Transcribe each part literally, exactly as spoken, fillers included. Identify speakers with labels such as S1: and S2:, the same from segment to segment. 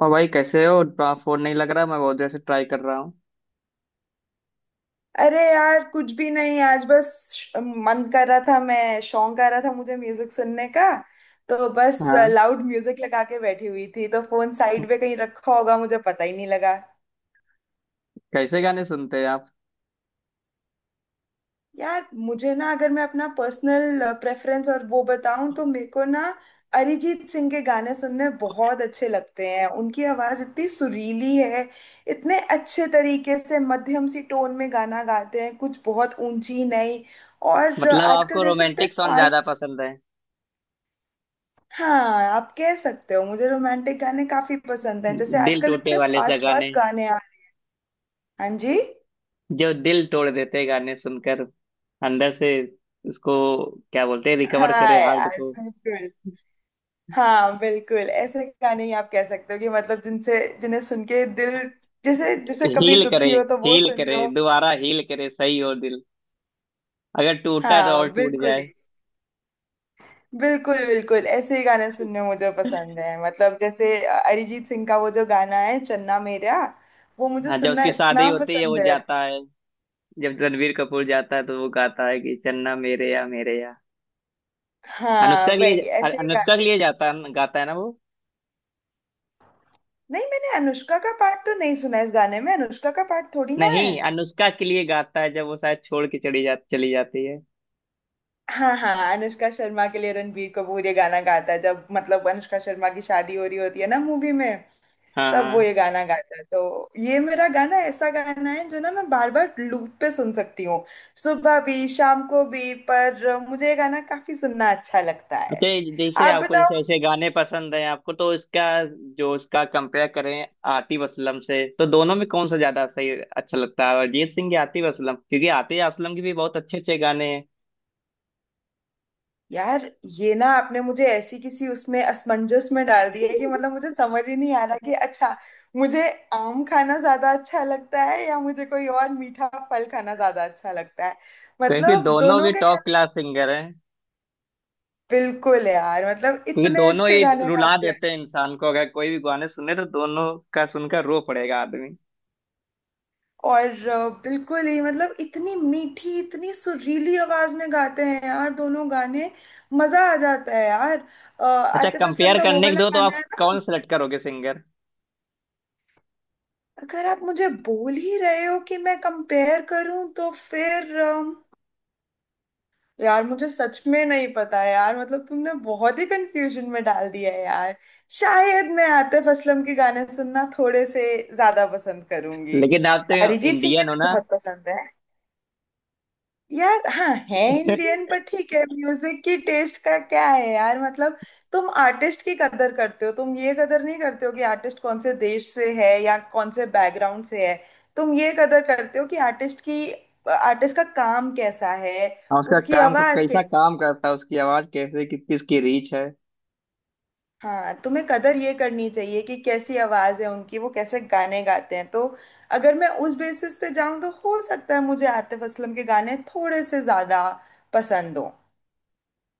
S1: और भाई कैसे हो। आप फोन नहीं लग रहा, मैं बहुत देर से ट्राई कर रहा हूँ।
S2: अरे यार कुछ भी नहीं आज बस। श- मन कर रहा था, मैं शौक आ रहा था मुझे म्यूजिक सुनने का। तो बस
S1: हाँ,
S2: लाउड म्यूजिक लगा के बैठी हुई थी, तो फोन साइड पे कहीं रखा होगा, मुझे पता ही नहीं लगा।
S1: कैसे गाने सुनते हैं आप?
S2: यार मुझे ना, अगर मैं अपना पर्सनल प्रेफरेंस और वो बताऊं तो मेरे को ना अरिजीत सिंह के गाने सुनने बहुत अच्छे लगते हैं। उनकी आवाज इतनी सुरीली है, इतने अच्छे तरीके से मध्यम सी टोन में गाना गाते हैं, कुछ बहुत ऊंची नहीं। और
S1: मतलब
S2: आजकल
S1: आपको
S2: जैसे इतने
S1: रोमांटिक सॉन्ग ज्यादा
S2: फास्ट।
S1: पसंद है?
S2: हाँ, आप कह सकते हो मुझे रोमांटिक गाने काफी पसंद हैं। जैसे
S1: दिल
S2: आजकल
S1: टूटे
S2: इतने
S1: वाले से
S2: फास्ट
S1: गाने,
S2: फास्ट गाने आ। हाँ जी।
S1: जो दिल तोड़ देते हैं गाने सुनकर अंदर से। उसको क्या बोलते हैं, रिकवर
S2: हाँ
S1: करे हार्ट
S2: यार
S1: को।
S2: बिल्कुल। हाँ बिल्कुल ऐसे गाने ही आप कह सकते हो कि मतलब जिनसे जिन्हें सुन के दिल, जैसे जैसे कभी
S1: हील
S2: दुखी
S1: करे,
S2: हो तो वो
S1: हील
S2: सुन
S1: करे
S2: लो।
S1: दोबारा, हील करे सही हो दिल, अगर टूटा है तो
S2: हाँ
S1: और टूट
S2: बिल्कुल ही।
S1: जाए।
S2: बिल्कुल बिल्कुल ऐसे ही गाने सुनने मुझे पसंद है। मतलब जैसे अ, अरिजीत सिंह का वो जो गाना है चन्ना मेरा, वो मुझे
S1: हाँ, जब
S2: सुनना
S1: उसकी शादी
S2: इतना
S1: होती है वो
S2: पसंद है।
S1: जाता है। जब रणवीर कपूर जाता है तो वो गाता है कि चन्ना मेरे या मेरे या,
S2: हाँ
S1: अनुष्का के
S2: भाई
S1: लिए।
S2: ऐसे ही।
S1: अनुष्का के लिए जाता गाता है ना वो।
S2: नहीं, मैंने अनुष्का का पार्ट तो नहीं सुना, इस गाने में अनुष्का का पार्ट थोड़ी ना है।
S1: नहीं, अनुष्का के लिए गाता है जब वो शायद छोड़ के चली जा चली जाती है।
S2: हाँ हाँ, अनुष्का शर्मा के लिए रणबीर कपूर ये गाना गाता है, जब मतलब अनुष्का शर्मा की शादी हो रही होती है ना मूवी में,
S1: हाँ,
S2: तब वो ये
S1: हाँ।
S2: गाना गाता है। तो ये मेरा गाना, ऐसा गाना है जो ना मैं बार बार लूप पे सुन सकती हूँ, सुबह भी शाम को भी। पर मुझे ये गाना काफी सुनना अच्छा लगता
S1: अच्छा,
S2: है।
S1: ये जैसे
S2: आप।
S1: आपको जैसे ऐसे गाने पसंद हैं आपको तो इसका, जो इसका कंपेयर करें आतिफ असलम से तो दोनों में कौन सा ज्यादा सही अच्छा लगता है, अरिजीत सिंह या आतिफ असलम? क्योंकि आतिफ असलम के भी बहुत अच्छे अच्छे गाने हैं।
S2: यार ये ना आपने मुझे ऐसी किसी उसमें असमंजस में डाल दिया है कि मतलब मुझे समझ ही नहीं आ रहा कि अच्छा मुझे आम खाना ज्यादा अच्छा लगता है या मुझे कोई और मीठा फल खाना ज्यादा अच्छा लगता है।
S1: क्योंकि
S2: मतलब
S1: दोनों
S2: दोनों
S1: भी
S2: के
S1: टॉप क्लास
S2: खाने।
S1: सिंगर हैं।
S2: बिल्कुल यार, मतलब
S1: क्योंकि
S2: इतने
S1: दोनों
S2: अच्छे
S1: ही
S2: खाने
S1: रुला
S2: खाते हैं।
S1: देते हैं इंसान को, अगर कोई भी गाने सुने तो दोनों का सुनकर रो पड़ेगा आदमी।
S2: और अ, बिल्कुल ही, मतलब इतनी मीठी इतनी सुरीली आवाज में गाते हैं यार दोनों गाने। मजा आ जाता है यार। अ,
S1: अच्छा,
S2: आतिफ असलम
S1: कंपेयर
S2: का वो
S1: करने के
S2: वाला
S1: दो तो
S2: गाना
S1: आप
S2: है ना।
S1: कौन सेलेक्ट करोगे सिंगर?
S2: अगर आप मुझे बोल ही रहे हो कि मैं कंपेयर करूं, तो फिर अम, यार मुझे सच में नहीं पता यार, मतलब तुमने बहुत ही कंफ्यूजन में डाल दिया है यार। शायद मैं आतिफ असलम के गाने सुनना थोड़े से ज्यादा पसंद करूंगी।
S1: लेकिन आप तो
S2: अरिजीत सिंह के
S1: इंडियन हो
S2: भी
S1: ना।
S2: बहुत पसंद है। यार हाँ है इंडियन, पर ठीक है म्यूजिक की टेस्ट का क्या है यार। मतलब तुम आर्टिस्ट की कदर करते हो, तुम ये कदर नहीं करते हो कि आर्टिस्ट कौन से देश से है या कौन से बैकग्राउंड से है। तुम ये कदर करते हो कि आर्टिस्ट की, आर्टिस्ट का काम कैसा है,
S1: हाँ, उसका
S2: उसकी
S1: काम को
S2: आवाज
S1: कैसा,
S2: कैसी।
S1: काम करता है उसकी आवाज कैसे, कि, किसकी रीच है।
S2: हाँ, तुम्हें कदर ये करनी चाहिए कि कैसी आवाज है उनकी, वो कैसे गाने गाते हैं। तो अगर मैं उस बेसिस पे जाऊं तो हो सकता है मुझे आतिफ असलम के गाने थोड़े से ज्यादा पसंद हो।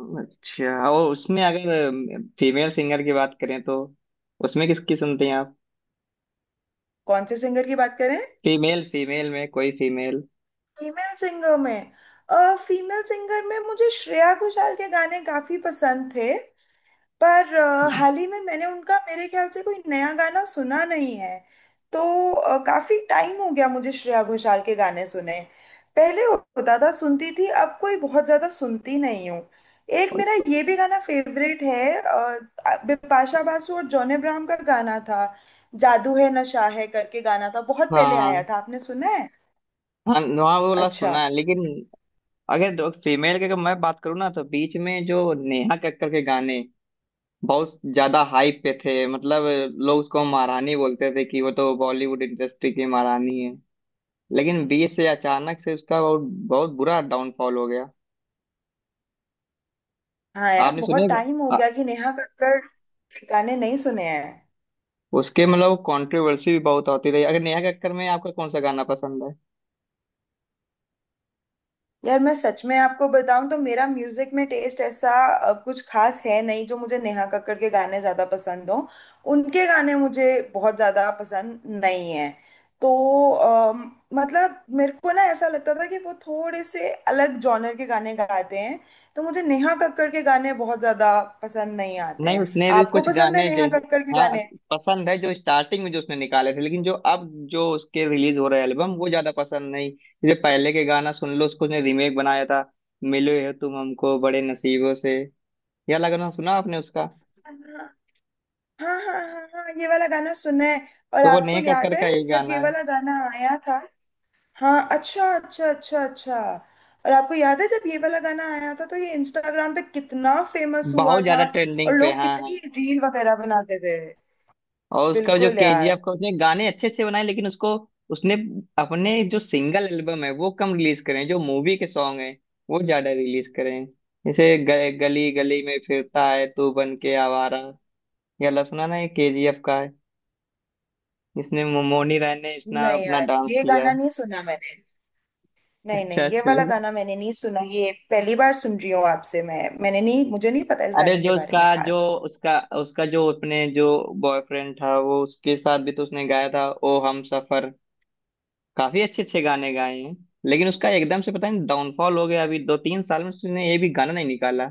S1: अच्छा, और उसमें अगर फीमेल सिंगर की बात करें तो उसमें किसकी सुनते हैं आप?
S2: कौन से सिंगर की बात करें?
S1: फीमेल, फीमेल में कोई फीमेल
S2: फीमेल सिंगर में, फीमेल सिंगर में मुझे श्रेया घोषाल के गाने काफी पसंद थे। पर अ, हाल ही में मैंने उनका मेरे ख्याल से कोई नया गाना सुना नहीं है। तो अ, काफी टाइम हो गया मुझे श्रेया घोषाल के गाने सुने। पहले होता था, सुनती थी, अब कोई बहुत ज्यादा सुनती नहीं हूँ। एक मेरा ये भी गाना फेवरेट है, अ, बिपाशा बासु और जॉन अब्राहम का गाना था, जादू है नशा है करके गाना था, बहुत पहले आया
S1: हाँ,
S2: था, आपने सुना है?
S1: हाँ, नुआ वाला
S2: अच्छा।
S1: सुना है, लेकिन अगर फीमेल की अगर मैं बात करूँ ना तो बीच में जो नेहा कक्कर के गाने बहुत ज्यादा हाइप पे थे, मतलब लोग उसको महारानी बोलते थे कि वो तो बॉलीवुड इंडस्ट्री की महारानी है। लेकिन बीच से अचानक से उसका बहुत बहुत बुरा डाउनफॉल हो गया।
S2: हाँ यार
S1: आपने
S2: बहुत
S1: सुने?
S2: टाइम हो
S1: आ-
S2: गया कि नेहा कक्कड़ के गाने नहीं सुने हैं।
S1: उसके मतलब कंट्रोवर्सी भी बहुत होती रही। अगर नेहा कक्कड़ में आपका कौन सा गाना पसंद है?
S2: यार मैं सच में आपको बताऊं तो मेरा म्यूजिक में टेस्ट ऐसा अ, कुछ खास है नहीं जो मुझे नेहा कक्कड़ के गाने ज्यादा पसंद हो। उनके गाने मुझे बहुत ज्यादा पसंद नहीं है। तो अम, मतलब मेरे को ना ऐसा लगता था कि वो थोड़े से अलग जॉनर के गाने गाते हैं, तो मुझे नेहा कक्कड़ के गाने बहुत ज्यादा पसंद नहीं आते
S1: नहीं,
S2: हैं।
S1: उसने भी
S2: आपको
S1: कुछ
S2: पसंद है
S1: गाने
S2: नेहा
S1: जैसे,
S2: कक्कड़ के
S1: हाँ,
S2: गाने?
S1: पसंद है जो स्टार्टिंग में जो उसने निकाले थे, लेकिन जो अब जो उसके रिलीज हो रहे एल्बम वो ज्यादा पसंद नहीं। जैसे पहले के गाना सुन लो उसको, उसने रीमेक बनाया था, मिलो है तुम हमको बड़े नसीबों से, यह लगना सुना आपने उसका?
S2: हाँ हाँ हाँ हाँ, ये वाला गाना सुना है। और
S1: तो वो
S2: आपको
S1: नेहा
S2: याद
S1: कक्कड़
S2: है
S1: का ही
S2: जब ये
S1: गाना है।
S2: वाला गाना आया था? हाँ, अच्छा अच्छा अच्छा अच्छा। और आपको याद है जब ये वाला गाना आया था तो ये इंस्टाग्राम पे कितना फेमस हुआ
S1: बहुत ज्यादा
S2: था। और
S1: ट्रेंडिंग पे,
S2: लोग
S1: हाँ, हाँ।
S2: कितनी रील वगैरह बनाते थे।
S1: और उसका जो
S2: बिल्कुल यार।
S1: केजीएफ का, उसने गाने अच्छे अच्छे बनाए, लेकिन उसको, उसने अपने जो सिंगल एल्बम है वो कम रिलीज करें, जो मूवी के सॉन्ग हैं वो ज्यादा रिलीज करें। जैसे ग- गली गली में फिरता है तू बन के आवारा, यह वाला सुना ना, ये केजीएफ का है, जिसने मो- मोनी राय ने इतना
S2: नहीं
S1: अपना
S2: यार,
S1: डांस
S2: ये
S1: किया
S2: गाना
S1: है।
S2: नहीं सुना मैंने। नहीं
S1: अच्छा,
S2: नहीं, ये वाला
S1: चलिए।
S2: गाना मैंने नहीं सुना, ये पहली बार सुन रही हूँ आपसे। मैं मैंने नहीं, मुझे नहीं पता इस
S1: अरे
S2: गाने के
S1: जो
S2: बारे
S1: उसका,
S2: में
S1: जो
S2: खास।
S1: उसका उसका जो अपने जो बॉयफ्रेंड था वो, उसके साथ भी तो उसने गाया था, ओ हम सफर, काफी अच्छे अच्छे गाने गाए हैं। लेकिन उसका एकदम से पता नहीं डाउनफॉल हो गया, अभी दो तीन साल में उसने ये भी गाना नहीं निकाला।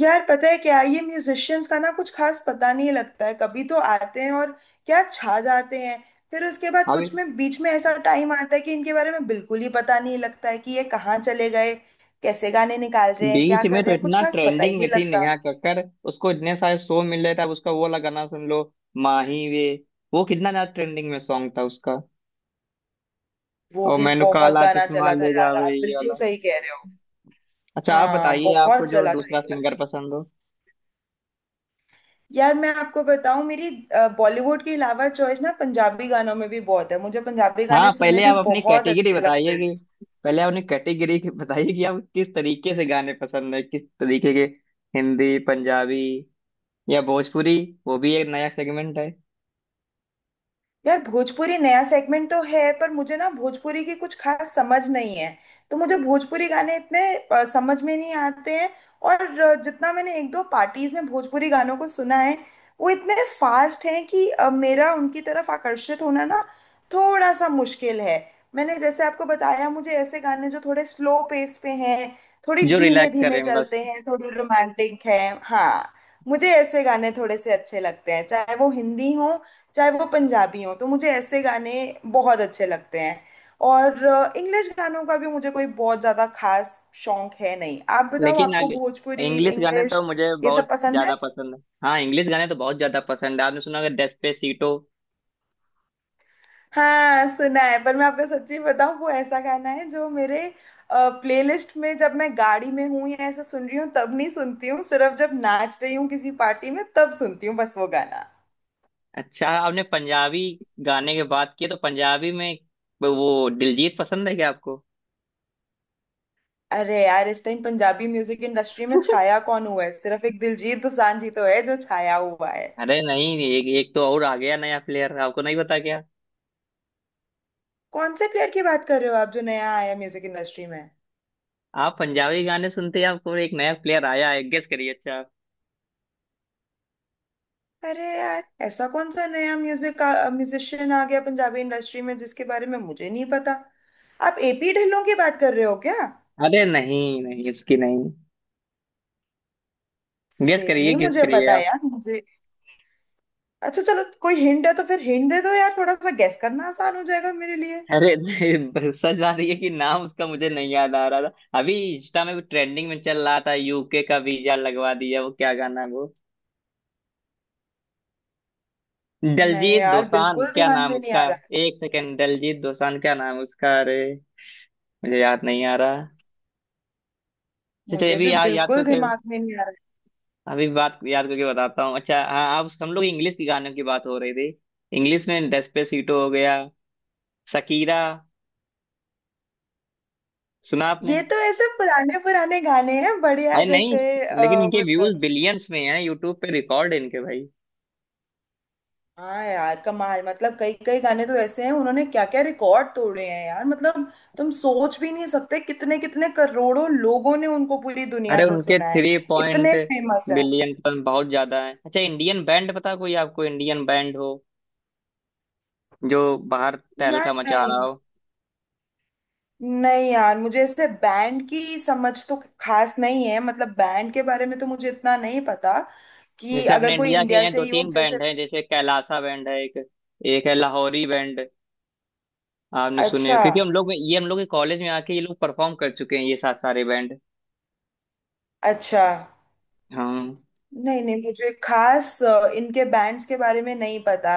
S2: यार पता है क्या, ये म्यूजिशियंस का ना कुछ खास पता नहीं लगता है। कभी तो आते हैं और क्या छा जाते हैं, फिर उसके बाद
S1: अभी
S2: कुछ में बीच में ऐसा टाइम आता है कि इनके बारे में बिल्कुल ही पता नहीं लगता है कि ये कहाँ चले गए, कैसे गाने निकाल रहे हैं, क्या
S1: बीच में
S2: कर
S1: तो
S2: रहे हैं, कुछ
S1: इतना
S2: खास पता ही
S1: ट्रेंडिंग में
S2: नहीं
S1: थी
S2: लगता।
S1: नेहा कक्कड़, उसको इतने सारे शो मिल रहे थे। अब उसका वो वाला गाना सुन लो, माही वे, वो कितना ज्यादा ट्रेंडिंग में सॉन्ग था उसका।
S2: वो
S1: और
S2: भी
S1: मैनू
S2: बहुत
S1: काला
S2: गाना
S1: चश्मा
S2: चला था
S1: ले
S2: यार,
S1: जावे,
S2: आप
S1: ये
S2: बिल्कुल
S1: वाला।
S2: सही कह रहे हो।
S1: अच्छा, आप
S2: हाँ
S1: बताइए आपको
S2: बहुत
S1: जो
S2: चला था ये
S1: दूसरा
S2: गाना।
S1: सिंगर पसंद हो।
S2: यार मैं आपको बताऊं, मेरी अ, बॉलीवुड के अलावा चॉइस ना पंजाबी गानों में भी बहुत है, मुझे पंजाबी
S1: हाँ,
S2: गाने सुनने
S1: पहले
S2: भी
S1: आप अपनी
S2: बहुत
S1: कैटेगरी
S2: अच्छे लगते
S1: बताइए
S2: हैं।
S1: कि पहले आप अपनी कैटेगरी बताइए कि आप किस तरीके से गाने पसंद है, किस तरीके के, हिंदी, पंजाबी, या भोजपुरी? वो भी एक नया सेगमेंट है,
S2: यार भोजपुरी नया सेगमेंट तो है, पर मुझे ना भोजपुरी की कुछ खास समझ नहीं है, तो मुझे भोजपुरी गाने इतने अ, समझ में नहीं आते हैं। और अ, जितना मैंने एक दो पार्टीज में भोजपुरी गानों को सुना है, वो इतने फास्ट हैं कि अ, मेरा उनकी तरफ आकर्षित होना ना थोड़ा सा मुश्किल है। मैंने जैसे आपको बताया, मुझे ऐसे गाने जो थोड़े स्लो पेस पे हैं, थोड़ी
S1: जो
S2: धीमे
S1: रिलैक्स
S2: धीमे
S1: करें बस।
S2: चलते हैं, थोड़ी रोमांटिक है। हाँ, मुझे ऐसे गाने थोड़े से अच्छे लगते हैं, चाहे वो हिंदी हो चाहे वो पंजाबी हो, तो मुझे ऐसे गाने बहुत अच्छे लगते हैं। और इंग्लिश गानों का भी मुझे कोई बहुत ज्यादा खास शौक है नहीं। आप बताओ,
S1: लेकिन
S2: आपको
S1: आगे
S2: भोजपुरी
S1: इंग्लिश गाने तो
S2: इंग्लिश
S1: मुझे
S2: ये सब
S1: बहुत
S2: पसंद
S1: ज्यादा
S2: है?
S1: पसंद है, हाँ, इंग्लिश गाने तो बहुत ज्यादा पसंद है। आपने सुना होगा, डेस्पेसीटो।
S2: हाँ सुना है, पर मैं आपको सच्ची बताऊं, वो ऐसा गाना है जो मेरे प्लेलिस्ट में जब मैं गाड़ी में हूँ या ऐसा सुन रही हूँ तब नहीं सुनती हूँ, सिर्फ जब नाच रही हूँ किसी पार्टी में तब सुनती हूँ बस वो गाना।
S1: अच्छा, आपने पंजाबी गाने की बात की तो पंजाबी में वो दिलजीत पसंद है क्या आपको?
S2: अरे यार, इस टाइम पंजाबी म्यूजिक इंडस्ट्री में छाया कौन हुआ है, सिर्फ एक दिलजीत दोसांझ ही तो है जो छाया हुआ है।
S1: अरे नहीं, एक एक तो और आ गया नया प्लेयर, आपको नहीं पता क्या?
S2: कौन से प्लेयर की बात कर रहे हो आप, जो नया आया म्यूजिक इंडस्ट्री में?
S1: आप पंजाबी गाने सुनते हैं, आपको एक नया प्लेयर आया है, गेस करिए, अच्छा आप।
S2: अरे यार, ऐसा कौन सा नया म्यूजिक म्यूजिशियन आ गया पंजाबी इंडस्ट्री में जिसके बारे में मुझे नहीं पता? आप एपी ढिल्लों की बात कर रहे हो क्या?
S1: अरे नहीं, नहीं, उसकी नहीं, गेस
S2: फिर
S1: करिए,
S2: नहीं
S1: गेस
S2: मुझे
S1: करिए
S2: पता
S1: आप।
S2: यार, मुझे, अच्छा चलो कोई हिंट है तो फिर हिंट दे दो यार, थोड़ा सा गेस करना आसान हो जाएगा मेरे लिए।
S1: अरे नहीं, सच बात ये है कि नाम उसका मुझे नहीं याद आ रहा था। अभी इंस्टा में ट्रेंडिंग में चल रहा था, यूके का वीजा लगवा दिया, वो क्या गाना है वो?
S2: नहीं
S1: दलजीत
S2: यार
S1: दोसांझ,
S2: बिल्कुल
S1: क्या
S2: ध्यान
S1: नाम
S2: में नहीं
S1: उसका।
S2: आ रहा।
S1: एक सेकेंड, दलजीत दोसांझ, क्या नाम उसका, अरे मुझे याद नहीं आ रहा। चलिए,
S2: मुझे
S1: अभी
S2: भी
S1: याद याद
S2: बिल्कुल
S1: करके,
S2: दिमाग में नहीं आ रहा।
S1: अभी बात याद करके बताता हूँ। अच्छा हाँ, आप, हम लोग इंग्लिश की गानों की बात हो रही थी। इंग्लिश में डेस्पेसिटो हो गया, शकीरा, सुना आपने?
S2: ये तो ऐसे पुराने पुराने गाने हैं बढ़िया,
S1: अरे नहीं,
S2: जैसे
S1: लेकिन
S2: अ,
S1: इनके व्यूज
S2: मतलब,
S1: बिलियंस में हैं, यूट्यूब पे रिकॉर्ड है इनके भाई।
S2: हाँ यार कमाल, मतलब कई कई गाने तो ऐसे हैं उन्होंने, क्या क्या रिकॉर्ड तोड़े हैं यार। मतलब तुम सोच भी नहीं सकते कितने कितने करोड़ों लोगों ने उनको पूरी दुनिया
S1: अरे
S2: से
S1: उनके
S2: सुना है।
S1: थ्री पॉइंट
S2: इतने फेमस है
S1: बिलियन टन बहुत ज्यादा है। अच्छा, इंडियन बैंड पता कोई आपको? इंडियन बैंड हो जो बाहर
S2: यार।
S1: तहलका मचा रहा
S2: नहीं
S1: हो।
S2: नहीं यार, मुझे ऐसे बैंड की समझ तो खास नहीं है, मतलब बैंड के बारे में तो मुझे इतना नहीं पता, कि
S1: जैसे अपने
S2: अगर कोई
S1: इंडिया के
S2: इंडिया
S1: यहाँ
S2: से
S1: दो
S2: ही हो
S1: तीन
S2: जैसे।
S1: बैंड हैं, जैसे कैलासा बैंड है एक, एक है लाहौरी बैंड, आपने सुने हो?
S2: अच्छा
S1: क्योंकि हम लोग में ये हम लोग के कॉलेज में आके ये लोग परफॉर्म कर चुके हैं, ये सात सारे बैंड।
S2: अच्छा।
S1: हाँ,
S2: नहीं नहीं, मुझे खास अ, इनके बैंड्स के बारे में नहीं पता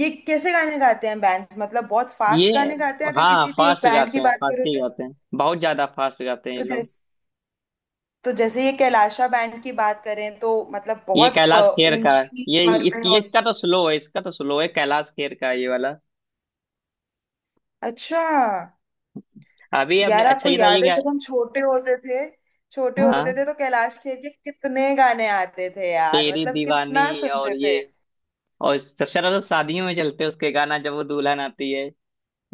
S2: ये कैसे गाने गाते हैं। बैंड्स मतलब बहुत फास्ट
S1: ये,
S2: गाने गाते हैं अगर
S1: हाँ,
S2: किसी भी एक
S1: फास्ट
S2: बैंड
S1: गाते
S2: की
S1: हैं,
S2: बात
S1: फास्ट
S2: करें
S1: ही
S2: तो।
S1: गाते हैं, बहुत ज्यादा फास्ट गाते हैं ये
S2: तो
S1: लोग।
S2: जैसे तो जैसे ये कैलाशा बैंड की बात करें तो मतलब
S1: ये
S2: बहुत
S1: कैलाश
S2: अ,
S1: खेर का है।
S2: ऊंची
S1: ये
S2: स्वर पे
S1: इसकी ये
S2: और
S1: इसका तो स्लो है, इसका तो स्लो है, कैलाश खेर का है ये वाला।
S2: अच्छा।
S1: अभी आपने,
S2: यार
S1: अच्छा
S2: आपको
S1: ये था, ये
S2: याद है
S1: क्या है?
S2: जब हम छोटे होते थे, छोटे होते
S1: हाँ,
S2: थे तो कैलाश खेर के कितने गाने आते थे यार,
S1: तेरी
S2: मतलब कितना
S1: दीवानी, और
S2: सुनते
S1: ये,
S2: थे।
S1: और सबसे ज्यादा तो शादियों में चलते हैं उसके गाना, जब वो दुल्हन आती है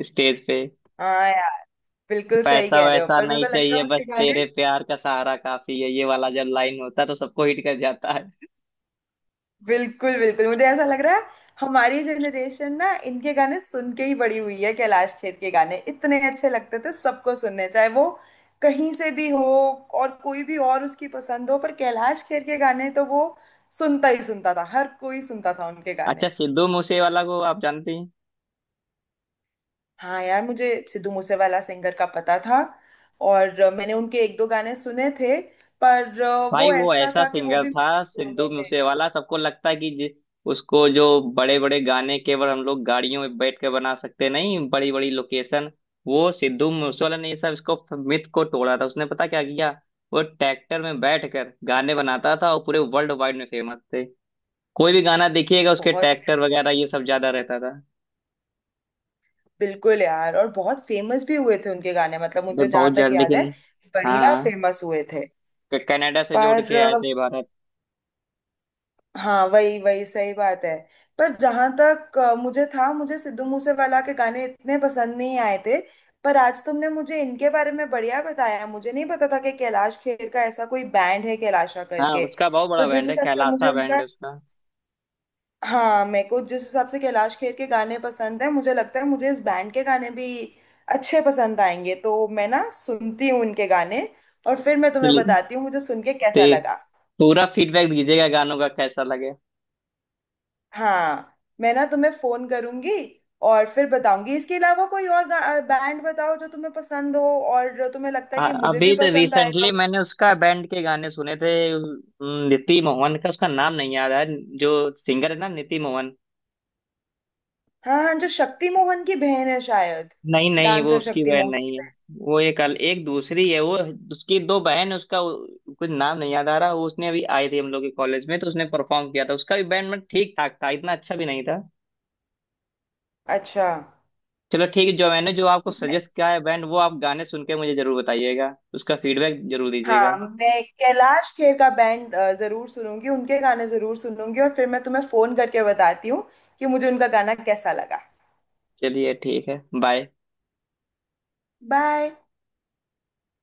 S1: स्टेज पे,
S2: हाँ यार, बिल्कुल सही
S1: पैसा
S2: कह रहे हो,
S1: वैसा
S2: पर मेरे
S1: नहीं
S2: को लगता है
S1: चाहिए बस
S2: उसके गाने,
S1: तेरे प्यार का सहारा काफी है, ये वाला जब लाइन होता है तो सबको हिट कर जाता है।
S2: बिल्कुल बिल्कुल, मुझे ऐसा लग रहा है हमारी जनरेशन ना इनके गाने सुन के ही बड़ी हुई है। कैलाश खेर के गाने इतने अच्छे लगते थे सबको सुनने, चाहे वो कहीं से भी हो, और कोई भी और उसकी पसंद हो, पर कैलाश खेर के गाने तो वो सुनता ही सुनता था, हर कोई सुनता था उनके
S1: अच्छा,
S2: गाने।
S1: सिद्धू मूसेवाला को आप जानती हैं?
S2: हाँ यार, मुझे सिद्धू मूसेवाला सिंगर का पता था, और अ, मैंने उनके एक दो गाने सुने थे, पर अ,
S1: भाई
S2: वो
S1: वो
S2: ऐसा
S1: ऐसा
S2: था कि वो
S1: सिंगर
S2: भी
S1: था
S2: मेरे
S1: सिद्धू
S2: genre में।
S1: मूसेवाला, सबको लगता है कि जि- उसको जो बड़े बड़े गाने केवल हम लोग गाड़ियों में बैठ के बना सकते, नहीं, बड़ी बड़ी लोकेशन, वो सिद्धू मूसेवाला ने ये सब इसको, मिथ को तोड़ा था उसने। पता क्या किया, वो ट्रैक्टर में बैठ कर गाने बनाता था, और पूरे वर्ल्ड वाइड में फेमस थे। कोई भी गाना देखिएगा उसके,
S2: बहुत
S1: ट्रैक्टर वगैरह
S2: फेमस।
S1: ये सब ज्यादा रहता था।
S2: बिल्कुल यार, और बहुत फेमस भी हुए थे उनके गाने, मतलब
S1: अरे
S2: मुझे जहां
S1: बहुत
S2: तक
S1: जल्द,
S2: याद है
S1: लेकिन हाँ,
S2: बढ़िया
S1: हाँ,
S2: फेमस हुए थे।
S1: क- कनाडा से जोड़
S2: पर
S1: के आए
S2: अ,
S1: थे भारत।
S2: हाँ वही वही सही बात है। पर जहां तक अ, मुझे था, मुझे सिद्धू मूसेवाला के गाने इतने पसंद नहीं आए थे। पर आज तुमने मुझे इनके बारे में बढ़िया बताया, मुझे नहीं पता था कि कैलाश खेर का ऐसा कोई बैंड है कैलाशा
S1: हाँ,
S2: करके।
S1: उसका बहुत
S2: तो
S1: बड़ा
S2: जिस
S1: बैंड है
S2: हिसाब से मुझे
S1: कैलासा बैंड
S2: उनका,
S1: है उसका।
S2: हाँ मेरे को जिस हिसाब से कैलाश खेर के गाने पसंद है, मुझे लगता है मुझे इस बैंड के गाने भी अच्छे पसंद आएंगे। तो मैं ना सुनती हूँ उनके गाने और फिर मैं तुम्हें
S1: चलिए,
S2: बताती हूँ मुझे सुन के
S1: तो
S2: कैसा
S1: ये
S2: लगा।
S1: पूरा फीडबैक दीजिएगा गानों का कैसा लगे।
S2: हाँ, मैं ना तुम्हें फोन करूंगी और फिर बताऊंगी। इसके अलावा कोई और बैंड बताओ जो तुम्हें पसंद हो और जो तुम्हें लगता है
S1: आ-
S2: कि मुझे भी
S1: अभी तो
S2: पसंद आएगा
S1: रिसेंटली
S2: वो।
S1: मैंने उसका बैंड के गाने सुने थे, उम, नीति मोहन का, उसका नाम नहीं याद है, जो सिंगर है ना, नीति मोहन।
S2: हाँ हाँ, जो शक्ति मोहन की बहन है शायद,
S1: नहीं, नहीं, वो
S2: डांसर
S1: उसकी
S2: शक्ति
S1: बहन
S2: मोहन की
S1: नहीं है।
S2: बहन।
S1: वो एक अल, एक दूसरी है वो। उसकी दो बहन है, उसका वो- कुछ नाम नहीं याद आ रहा। वो उसने अभी आई थी हम लोग के कॉलेज में तो उसने परफॉर्म किया था, उसका भी बैंड मतलब ठीक ठाक था, इतना अच्छा भी नहीं था।
S2: अच्छा।
S1: चलो ठीक है, जो मैंने जो आपको सजेस्ट किया है बैंड वो आप गाने सुन के मुझे जरूर बताइएगा, उसका फीडबैक जरूर दीजिएगा।
S2: हाँ, मैं कैलाश खेर का बैंड अ, जरूर सुनूंगी, उनके गाने जरूर सुनूंगी और फिर मैं तुम्हें फोन करके बताती हूँ कि मुझे उनका गाना कैसा लगा।
S1: चलिए ठीक है, बाय।
S2: बाय।